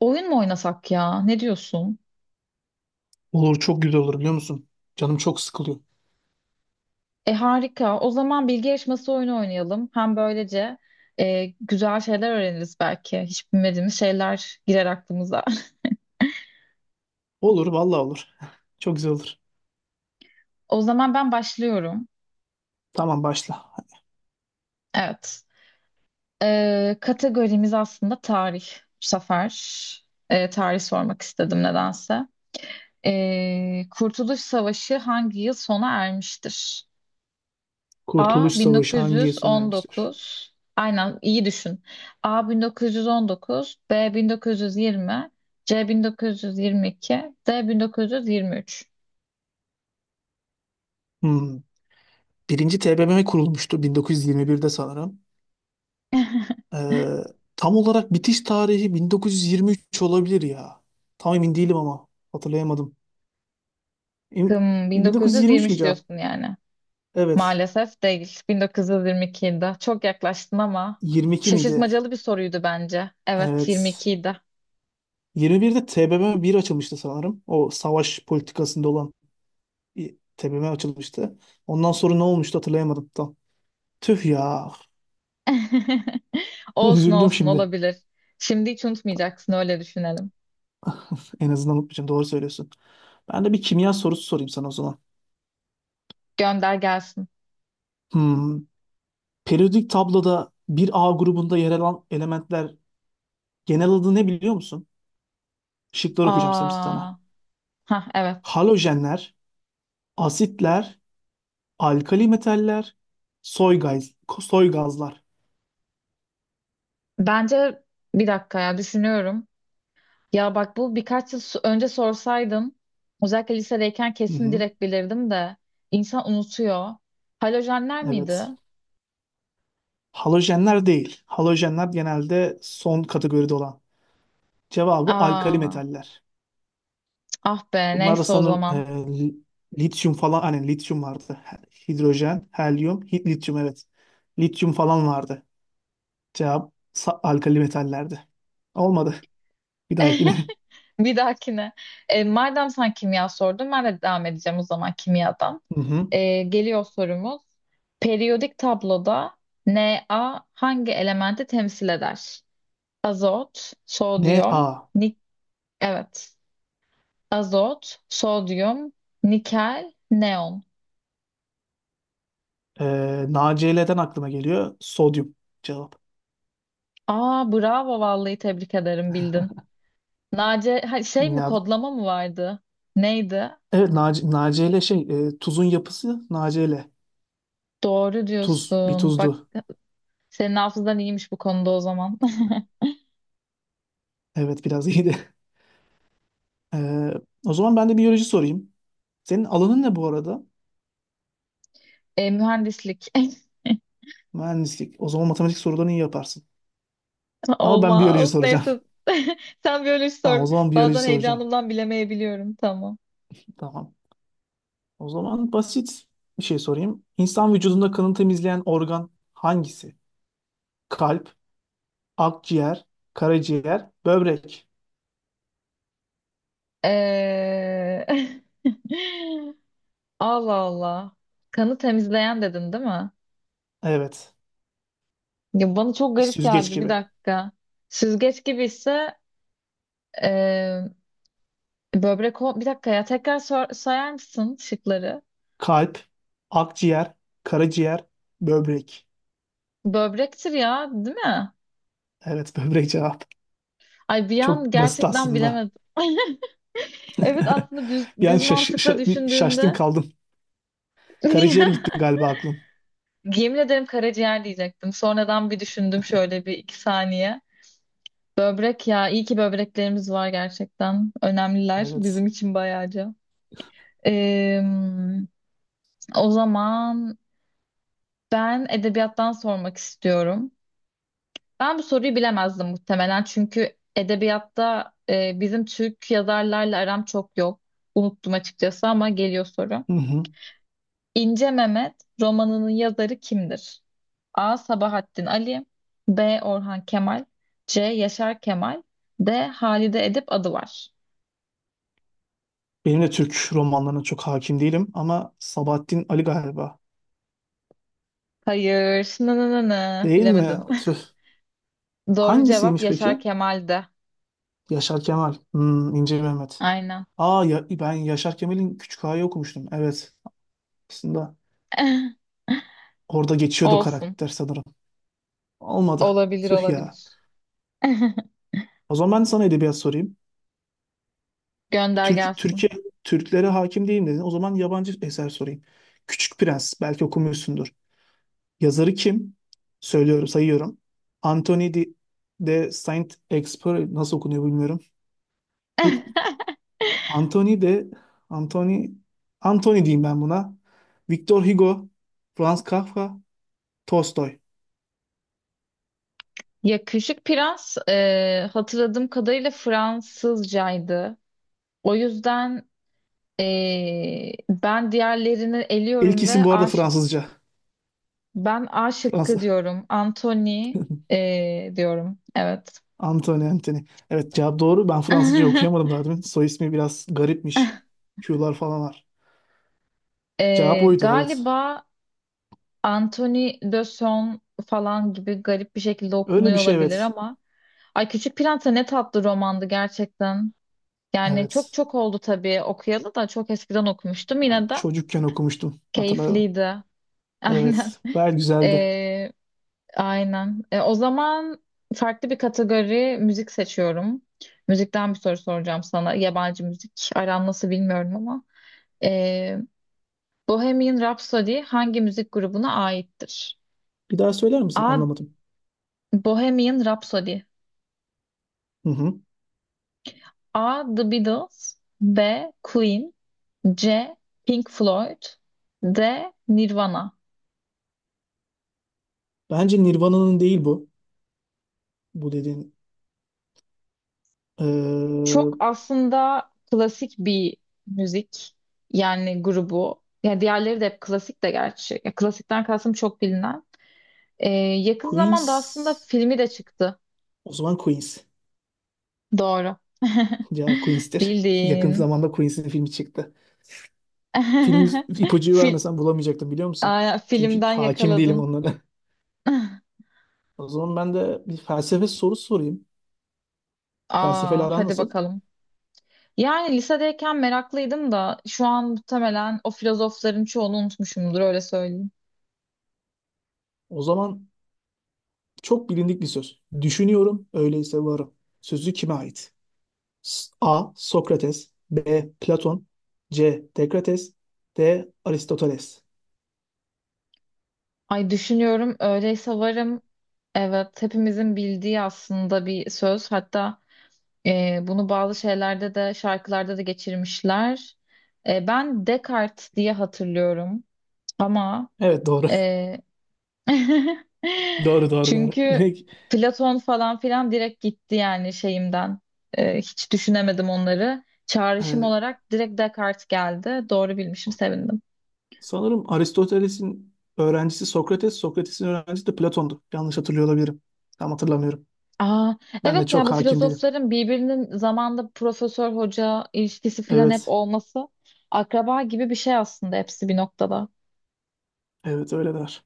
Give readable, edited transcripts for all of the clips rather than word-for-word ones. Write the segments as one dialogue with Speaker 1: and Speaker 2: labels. Speaker 1: Oyun mu oynasak ya? Ne diyorsun?
Speaker 2: Olur çok güzel olur biliyor musun? Canım çok sıkılıyor.
Speaker 1: Harika. O zaman bilgi yarışması oyunu oynayalım. Hem böylece güzel şeyler öğreniriz belki. Hiç bilmediğimiz şeyler girer aklımıza.
Speaker 2: Olur vallahi olur. Çok güzel olur.
Speaker 1: O zaman ben başlıyorum.
Speaker 2: Tamam başla.
Speaker 1: Evet. Kategorimiz aslında tarih. Bu sefer tarih sormak istedim nedense. Kurtuluş Savaşı hangi yıl sona ermiştir? A
Speaker 2: Kurtuluş Savaşı hangi yıl sona ermiştir?
Speaker 1: 1919. Aynen, iyi düşün. A 1919, B 1920, C 1922, D 1923.
Speaker 2: Hmm. Birinci TBMM kurulmuştu 1921'de sanırım. Ee, Tam olarak bitiş tarihi 1923 olabilir ya. Tam emin değilim ama hatırlayamadım. Em- 1923 mi
Speaker 1: 1923
Speaker 2: cevap?
Speaker 1: diyorsun yani.
Speaker 2: Evet.
Speaker 1: Maalesef değil. 1922'de. Çok yaklaştın ama
Speaker 2: 22 miydi?
Speaker 1: şaşırtmacalı bir soruydu bence. Evet,
Speaker 2: Evet.
Speaker 1: 22'ydi.
Speaker 2: 21'de TBMM bir açılmıştı sanırım. O savaş politikasında olan bir tepeme açılmıştı. Ondan sonra ne olmuştu hatırlayamadım tam. Tüh ya.
Speaker 1: Olsun
Speaker 2: Üzüldüm
Speaker 1: olsun,
Speaker 2: şimdi.
Speaker 1: olabilir. Şimdi hiç unutmayacaksın, öyle düşünelim.
Speaker 2: En azından unutmayacağım. Doğru söylüyorsun. Ben de bir kimya sorusu sorayım sana o zaman.
Speaker 1: Gönder gelsin.
Speaker 2: Hmm. Periyodik tabloda bir A grubunda yer alan elementler genel adı ne biliyor musun? Şıkları okuyacağım sana.
Speaker 1: Aa, ha evet.
Speaker 2: Halojenler, asitler, alkali metaller, soy gaz, soy gazlar.
Speaker 1: Bence bir dakika ya, düşünüyorum. Ya bak, bu birkaç yıl önce sorsaydım, özellikle lisedeyken
Speaker 2: Hı
Speaker 1: kesin
Speaker 2: hı.
Speaker 1: direkt bilirdim de insan unutuyor. Halojenler miydi?
Speaker 2: Evet. Halojenler değil. Halojenler genelde son kategoride olan. Cevabı alkali
Speaker 1: Aa,
Speaker 2: metaller.
Speaker 1: ah be,
Speaker 2: Bunlar da
Speaker 1: neyse o
Speaker 2: sanırım
Speaker 1: zaman.
Speaker 2: lityum falan hani lityum vardı. Hidrojen, helyum, lityum evet. Lityum falan vardı. Cevap alkali metallerdi. Olmadı. Bir dahakine.
Speaker 1: Bir dahakine. Madem sen kimya sordun, ben de devam edeceğim o zaman kimyadan.
Speaker 2: Hı hı.
Speaker 1: Geliyor sorumuz. Periyodik tabloda Na hangi elementi temsil eder? Azot,
Speaker 2: Ne
Speaker 1: sodyum,
Speaker 2: A?
Speaker 1: nik evet. Azot, sodyum, nikel, neon.
Speaker 2: E, NaCl'den aklıma geliyor. Sodyum cevap.
Speaker 1: Aa, bravo, vallahi tebrik ederim, bildin. Nace ha, şey mi,
Speaker 2: Kimya.
Speaker 1: kodlama mı vardı? Neydi?
Speaker 2: Evet NaCl şey tuzun yapısı NaCl.
Speaker 1: Doğru
Speaker 2: Tuz. Bir
Speaker 1: diyorsun. Bak,
Speaker 2: tuzdu.
Speaker 1: senin hafızan iyiymiş bu konuda o zaman.
Speaker 2: Evet biraz iyiydi. E, o zaman ben de biyoloji sorayım. Senin alanın ne bu arada?
Speaker 1: Mühendislik.
Speaker 2: Mühendislik. O zaman matematik sorularını iyi yaparsın. Ama ben biyoloji
Speaker 1: Olmaz.
Speaker 2: soracağım.
Speaker 1: Neyse. Sen biyoloji
Speaker 2: Tamam,
Speaker 1: sor.
Speaker 2: o zaman biyoloji
Speaker 1: Bazen
Speaker 2: soracağım.
Speaker 1: heyecanımdan bilemeyebiliyorum. Tamam.
Speaker 2: Tamam. O zaman basit bir şey sorayım. İnsan vücudunda kanı temizleyen organ hangisi? Kalp, akciğer, karaciğer, böbrek.
Speaker 1: Ee... Allah Allah. Kanı temizleyen dedin, değil mi?
Speaker 2: Evet.
Speaker 1: Ya bana çok
Speaker 2: Bir
Speaker 1: garip
Speaker 2: süzgeç
Speaker 1: geldi. Bir
Speaker 2: gibi.
Speaker 1: dakika. Süzgeç gibi ise e, Bir dakika ya. Tekrar sayar mısın şıkları?
Speaker 2: Kalp, akciğer, karaciğer, böbrek.
Speaker 1: Böbrektir ya, değil mi?
Speaker 2: Evet, böbrek cevap.
Speaker 1: Ay, bir an
Speaker 2: Çok basit
Speaker 1: gerçekten
Speaker 2: aslında.
Speaker 1: bilemedim. Evet, aslında düz,
Speaker 2: Bir an
Speaker 1: düz mantıkla
Speaker 2: bir şaştın
Speaker 1: düşündüğünde
Speaker 2: kaldın. Karaciğer gitti galiba aklın.
Speaker 1: yemin ederim karaciğer diyecektim. Sonradan bir düşündüm şöyle bir iki saniye. Böbrek ya, iyi ki böbreklerimiz var gerçekten. Önemliler
Speaker 2: Evet.
Speaker 1: bizim için bayağıca. Ee, O zaman ben edebiyattan sormak istiyorum. Ben bu soruyu bilemezdim muhtemelen, çünkü edebiyatta bizim Türk yazarlarla aram çok yok. Unuttum açıkçası ama geliyor soru.
Speaker 2: Hı hı.
Speaker 1: İnce Mehmet romanının yazarı kimdir? A. Sabahattin Ali, B. Orhan Kemal, C. Yaşar Kemal, D. Halide Edip Adıvar.
Speaker 2: Benim de Türk romanlarına çok hakim değilim ama Sabahattin Ali galiba.
Speaker 1: Hayır. Nı nı nı nı.
Speaker 2: Değil mi?
Speaker 1: Bilemedim.
Speaker 2: Tüh.
Speaker 1: Doğru cevap
Speaker 2: Hangisiymiş peki?
Speaker 1: Yaşar Kemal'de.
Speaker 2: Yaşar Kemal. Hmm, İnce Mehmet.
Speaker 1: Aynen.
Speaker 2: Aa ya, ben Yaşar Kemal'in Küçük Ağa'yı okumuştum. Evet. Aslında orada geçiyordu
Speaker 1: Olsun.
Speaker 2: karakter sanırım. Olmadı.
Speaker 1: Olabilir
Speaker 2: Tüh
Speaker 1: olabilir.
Speaker 2: ya. O zaman ben sana edebiyat sorayım.
Speaker 1: Gönder gelsin.
Speaker 2: Türkiye, Türklere hakim değilim dedin. O zaman yabancı eser sorayım. Küçük Prens. Belki okumuşsundur. Yazarı kim? Söylüyorum, sayıyorum. Anthony de, de Saint-Exupéry nasıl okunuyor bilmiyorum. Bu Anthony de Anthony Anthony diyeyim ben buna. Victor Hugo, Franz Kafka, Tolstoy.
Speaker 1: Yakışık Prens hatırladığım kadarıyla Fransızcaydı. O yüzden ben diğerlerini
Speaker 2: İlk
Speaker 1: eliyorum ve
Speaker 2: isim bu arada Fransızca.
Speaker 1: Ben A şıkkı
Speaker 2: Fransız.
Speaker 1: diyorum. Anthony diyorum. Evet.
Speaker 2: Anthony. Evet cevap doğru. Ben Fransızca okuyamadım daha demin. Soy ismi biraz garipmiş. Q'lar falan var. Cevap oydu evet.
Speaker 1: Galiba Anthony de Son falan gibi garip bir şekilde
Speaker 2: Öyle bir
Speaker 1: okunuyor
Speaker 2: şey
Speaker 1: olabilir
Speaker 2: evet.
Speaker 1: ama. Ay, Küçük Prens'e ne tatlı romandı gerçekten. Yani çok
Speaker 2: Evet.
Speaker 1: çok oldu tabii okuyalı, da çok eskiden okumuştum.
Speaker 2: Ben
Speaker 1: Yine de
Speaker 2: çocukken okumuştum. Hatırla,
Speaker 1: keyifliydi. Aynen.
Speaker 2: evet, gayet güzeldi.
Speaker 1: Ee, aynen. O zaman farklı bir kategori, müzik seçiyorum. Müzikten bir soru soracağım sana. Yabancı müzik aran nasıl bilmiyorum ama. Ee, Bohemian Rhapsody hangi müzik grubuna aittir?
Speaker 2: Bir daha söyler misin?
Speaker 1: A.
Speaker 2: Anlamadım.
Speaker 1: Bohemian Rhapsody.
Speaker 2: Hı hı.
Speaker 1: A. The Beatles, B. Queen, C. Pink Floyd, D. Nirvana.
Speaker 2: Bence Nirvana'nın değil bu. Bu dediğin.
Speaker 1: Çok
Speaker 2: Ee,
Speaker 1: aslında klasik bir müzik yani grubu. Yani diğerleri de hep klasik de gerçi. Ya, klasikten kastım çok bilinen. Ee, Yakın zamanda aslında
Speaker 2: Queens.
Speaker 1: filmi de çıktı.
Speaker 2: O zaman Queens.
Speaker 1: Doğru.
Speaker 2: Cevap Queens'tir. Yakın
Speaker 1: Bildin.
Speaker 2: zamanda Queens'in filmi çıktı. Film ipucu
Speaker 1: Fil
Speaker 2: vermesen bulamayacaktım biliyor musun?
Speaker 1: Aa,
Speaker 2: Çünkü
Speaker 1: filmden
Speaker 2: hakim değilim
Speaker 1: yakaladın.
Speaker 2: onlara. O zaman ben de bir felsefe sorusu sorayım. Felsefeyle
Speaker 1: Aa,
Speaker 2: aran
Speaker 1: hadi
Speaker 2: nasıl?
Speaker 1: bakalım. Yani lisedeyken meraklıydım da, şu an muhtemelen o filozofların çoğunu unutmuşumdur, öyle söyleyeyim.
Speaker 2: O zaman çok bilindik bir söz. Düşünüyorum, öyleyse varım. Sözü kime ait? A. Sokrates, B. Platon, C. Dekrates, D. Aristoteles.
Speaker 1: Ay, düşünüyorum öyleyse varım. Evet, hepimizin bildiği aslında bir söz. Hatta bunu bazı şeylerde de, şarkılarda da geçirmişler. Ben Descartes diye hatırlıyorum ama
Speaker 2: Evet doğru.
Speaker 1: e,
Speaker 2: Doğru.
Speaker 1: çünkü
Speaker 2: Demek
Speaker 1: Platon falan filan direkt gitti yani şeyimden. Hiç düşünemedim onları. Çağrışım
Speaker 2: e,
Speaker 1: olarak direkt Descartes geldi. Doğru bilmişim, sevindim.
Speaker 2: sanırım Aristoteles'in öğrencisi Sokrates, Sokrates'in öğrencisi de Platon'du. Yanlış hatırlıyor olabilirim. Tam hatırlamıyorum.
Speaker 1: Aa,
Speaker 2: Ben de
Speaker 1: evet ya,
Speaker 2: çok
Speaker 1: bu
Speaker 2: hakim değilim.
Speaker 1: filozofların birbirinin zamanda profesör, hoca ilişkisi filan hep
Speaker 2: Evet.
Speaker 1: olması, akraba gibi bir şey aslında hepsi bir noktada.
Speaker 2: Evet öyle der.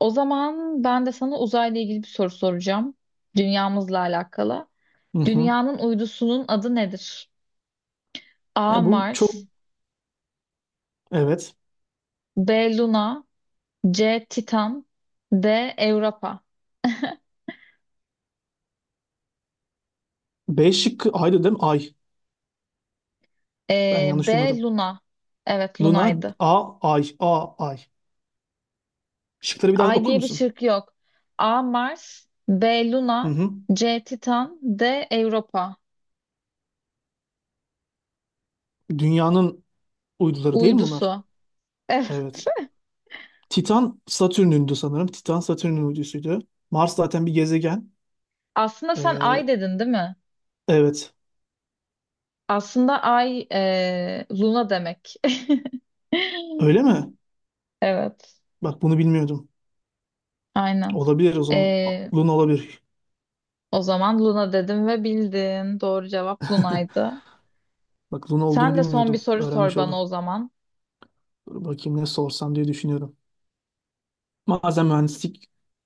Speaker 1: O zaman ben de sana uzayla ilgili bir soru soracağım. Dünyamızla alakalı.
Speaker 2: Hı hı.
Speaker 1: Dünyanın uydusunun adı nedir? A.
Speaker 2: Ya bu çok,
Speaker 1: Mars,
Speaker 2: evet.
Speaker 1: B. Luna, C. Titan, D. Europa.
Speaker 2: B şıkkı aydı değil mi? Ay. Ben yanlış
Speaker 1: B.
Speaker 2: duymadım.
Speaker 1: Luna. Evet,
Speaker 2: Luna
Speaker 1: Luna'ydı.
Speaker 2: A ay A ay. Şıkları bir daha
Speaker 1: Ay
Speaker 2: okur
Speaker 1: diye bir
Speaker 2: musun?
Speaker 1: şık yok. A. Mars, B.
Speaker 2: Hı
Speaker 1: Luna,
Speaker 2: hı.
Speaker 1: C. Titan, D. Europa.
Speaker 2: Dünyanın uyduları değil mi bunlar?
Speaker 1: Uydusu. Evet.
Speaker 2: Evet. Titan Satürn'ündü sanırım. Titan Satürn'ün uydusuydu. Mars zaten bir gezegen.
Speaker 1: Aslında sen
Speaker 2: Ee,
Speaker 1: Ay dedin, değil mi?
Speaker 2: evet.
Speaker 1: Aslında Ay Luna demek.
Speaker 2: Öyle mi?
Speaker 1: Evet.
Speaker 2: Bak bunu bilmiyordum.
Speaker 1: Aynen.
Speaker 2: Olabilir o zaman.
Speaker 1: Ee,
Speaker 2: Luna olabilir.
Speaker 1: O zaman Luna dedim ve bildin. Doğru cevap Luna'ydı.
Speaker 2: Bak Luna olduğunu
Speaker 1: Sen de son bir
Speaker 2: bilmiyordum.
Speaker 1: soru sor
Speaker 2: Öğrenmiş
Speaker 1: bana
Speaker 2: oldum.
Speaker 1: o zaman.
Speaker 2: Dur bakayım ne sorsam diye düşünüyorum. Madem mühendislik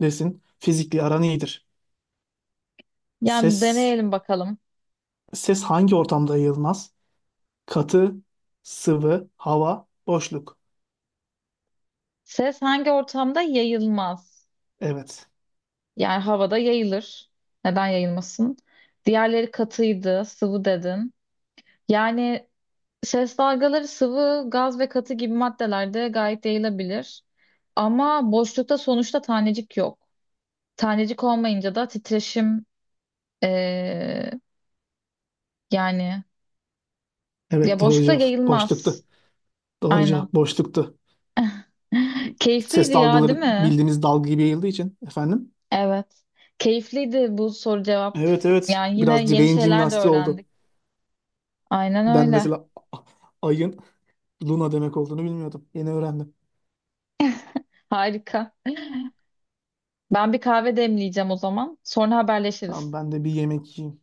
Speaker 2: desin. Fizikle aran iyidir.
Speaker 1: Yani
Speaker 2: Ses,
Speaker 1: deneyelim bakalım.
Speaker 2: ses hangi ortamda yayılmaz? Katı, sıvı, hava, boşluk.
Speaker 1: Ses hangi ortamda yayılmaz?
Speaker 2: Evet.
Speaker 1: Yani havada yayılır. Neden yayılmasın? Diğerleri katıydı, sıvı dedin. Yani ses dalgaları sıvı, gaz ve katı gibi maddelerde gayet yayılabilir. Ama boşlukta sonuçta tanecik yok. Tanecik olmayınca da titreşim eee, yani ya,
Speaker 2: Evet doğru
Speaker 1: boşlukta
Speaker 2: cevap. Boşluktu.
Speaker 1: yayılmaz.
Speaker 2: Doğru
Speaker 1: Aynen.
Speaker 2: cevap boşluktu. Ses
Speaker 1: Keyifliydi ya, değil
Speaker 2: dalgaları
Speaker 1: mi?
Speaker 2: bildiğimiz dalga gibi yayıldığı için efendim.
Speaker 1: Evet. Keyifliydi bu soru cevap.
Speaker 2: Evet evet.
Speaker 1: Yani yine
Speaker 2: Biraz
Speaker 1: yeni
Speaker 2: beyin
Speaker 1: şeyler de
Speaker 2: jimnastiği oldu.
Speaker 1: öğrendik. Aynen
Speaker 2: Ben
Speaker 1: öyle.
Speaker 2: mesela ayın Luna demek olduğunu bilmiyordum. Yeni öğrendim.
Speaker 1: Harika. Ben bir kahve demleyeceğim o zaman. Sonra
Speaker 2: Tamam
Speaker 1: haberleşiriz.
Speaker 2: ben de bir yemek yiyeyim.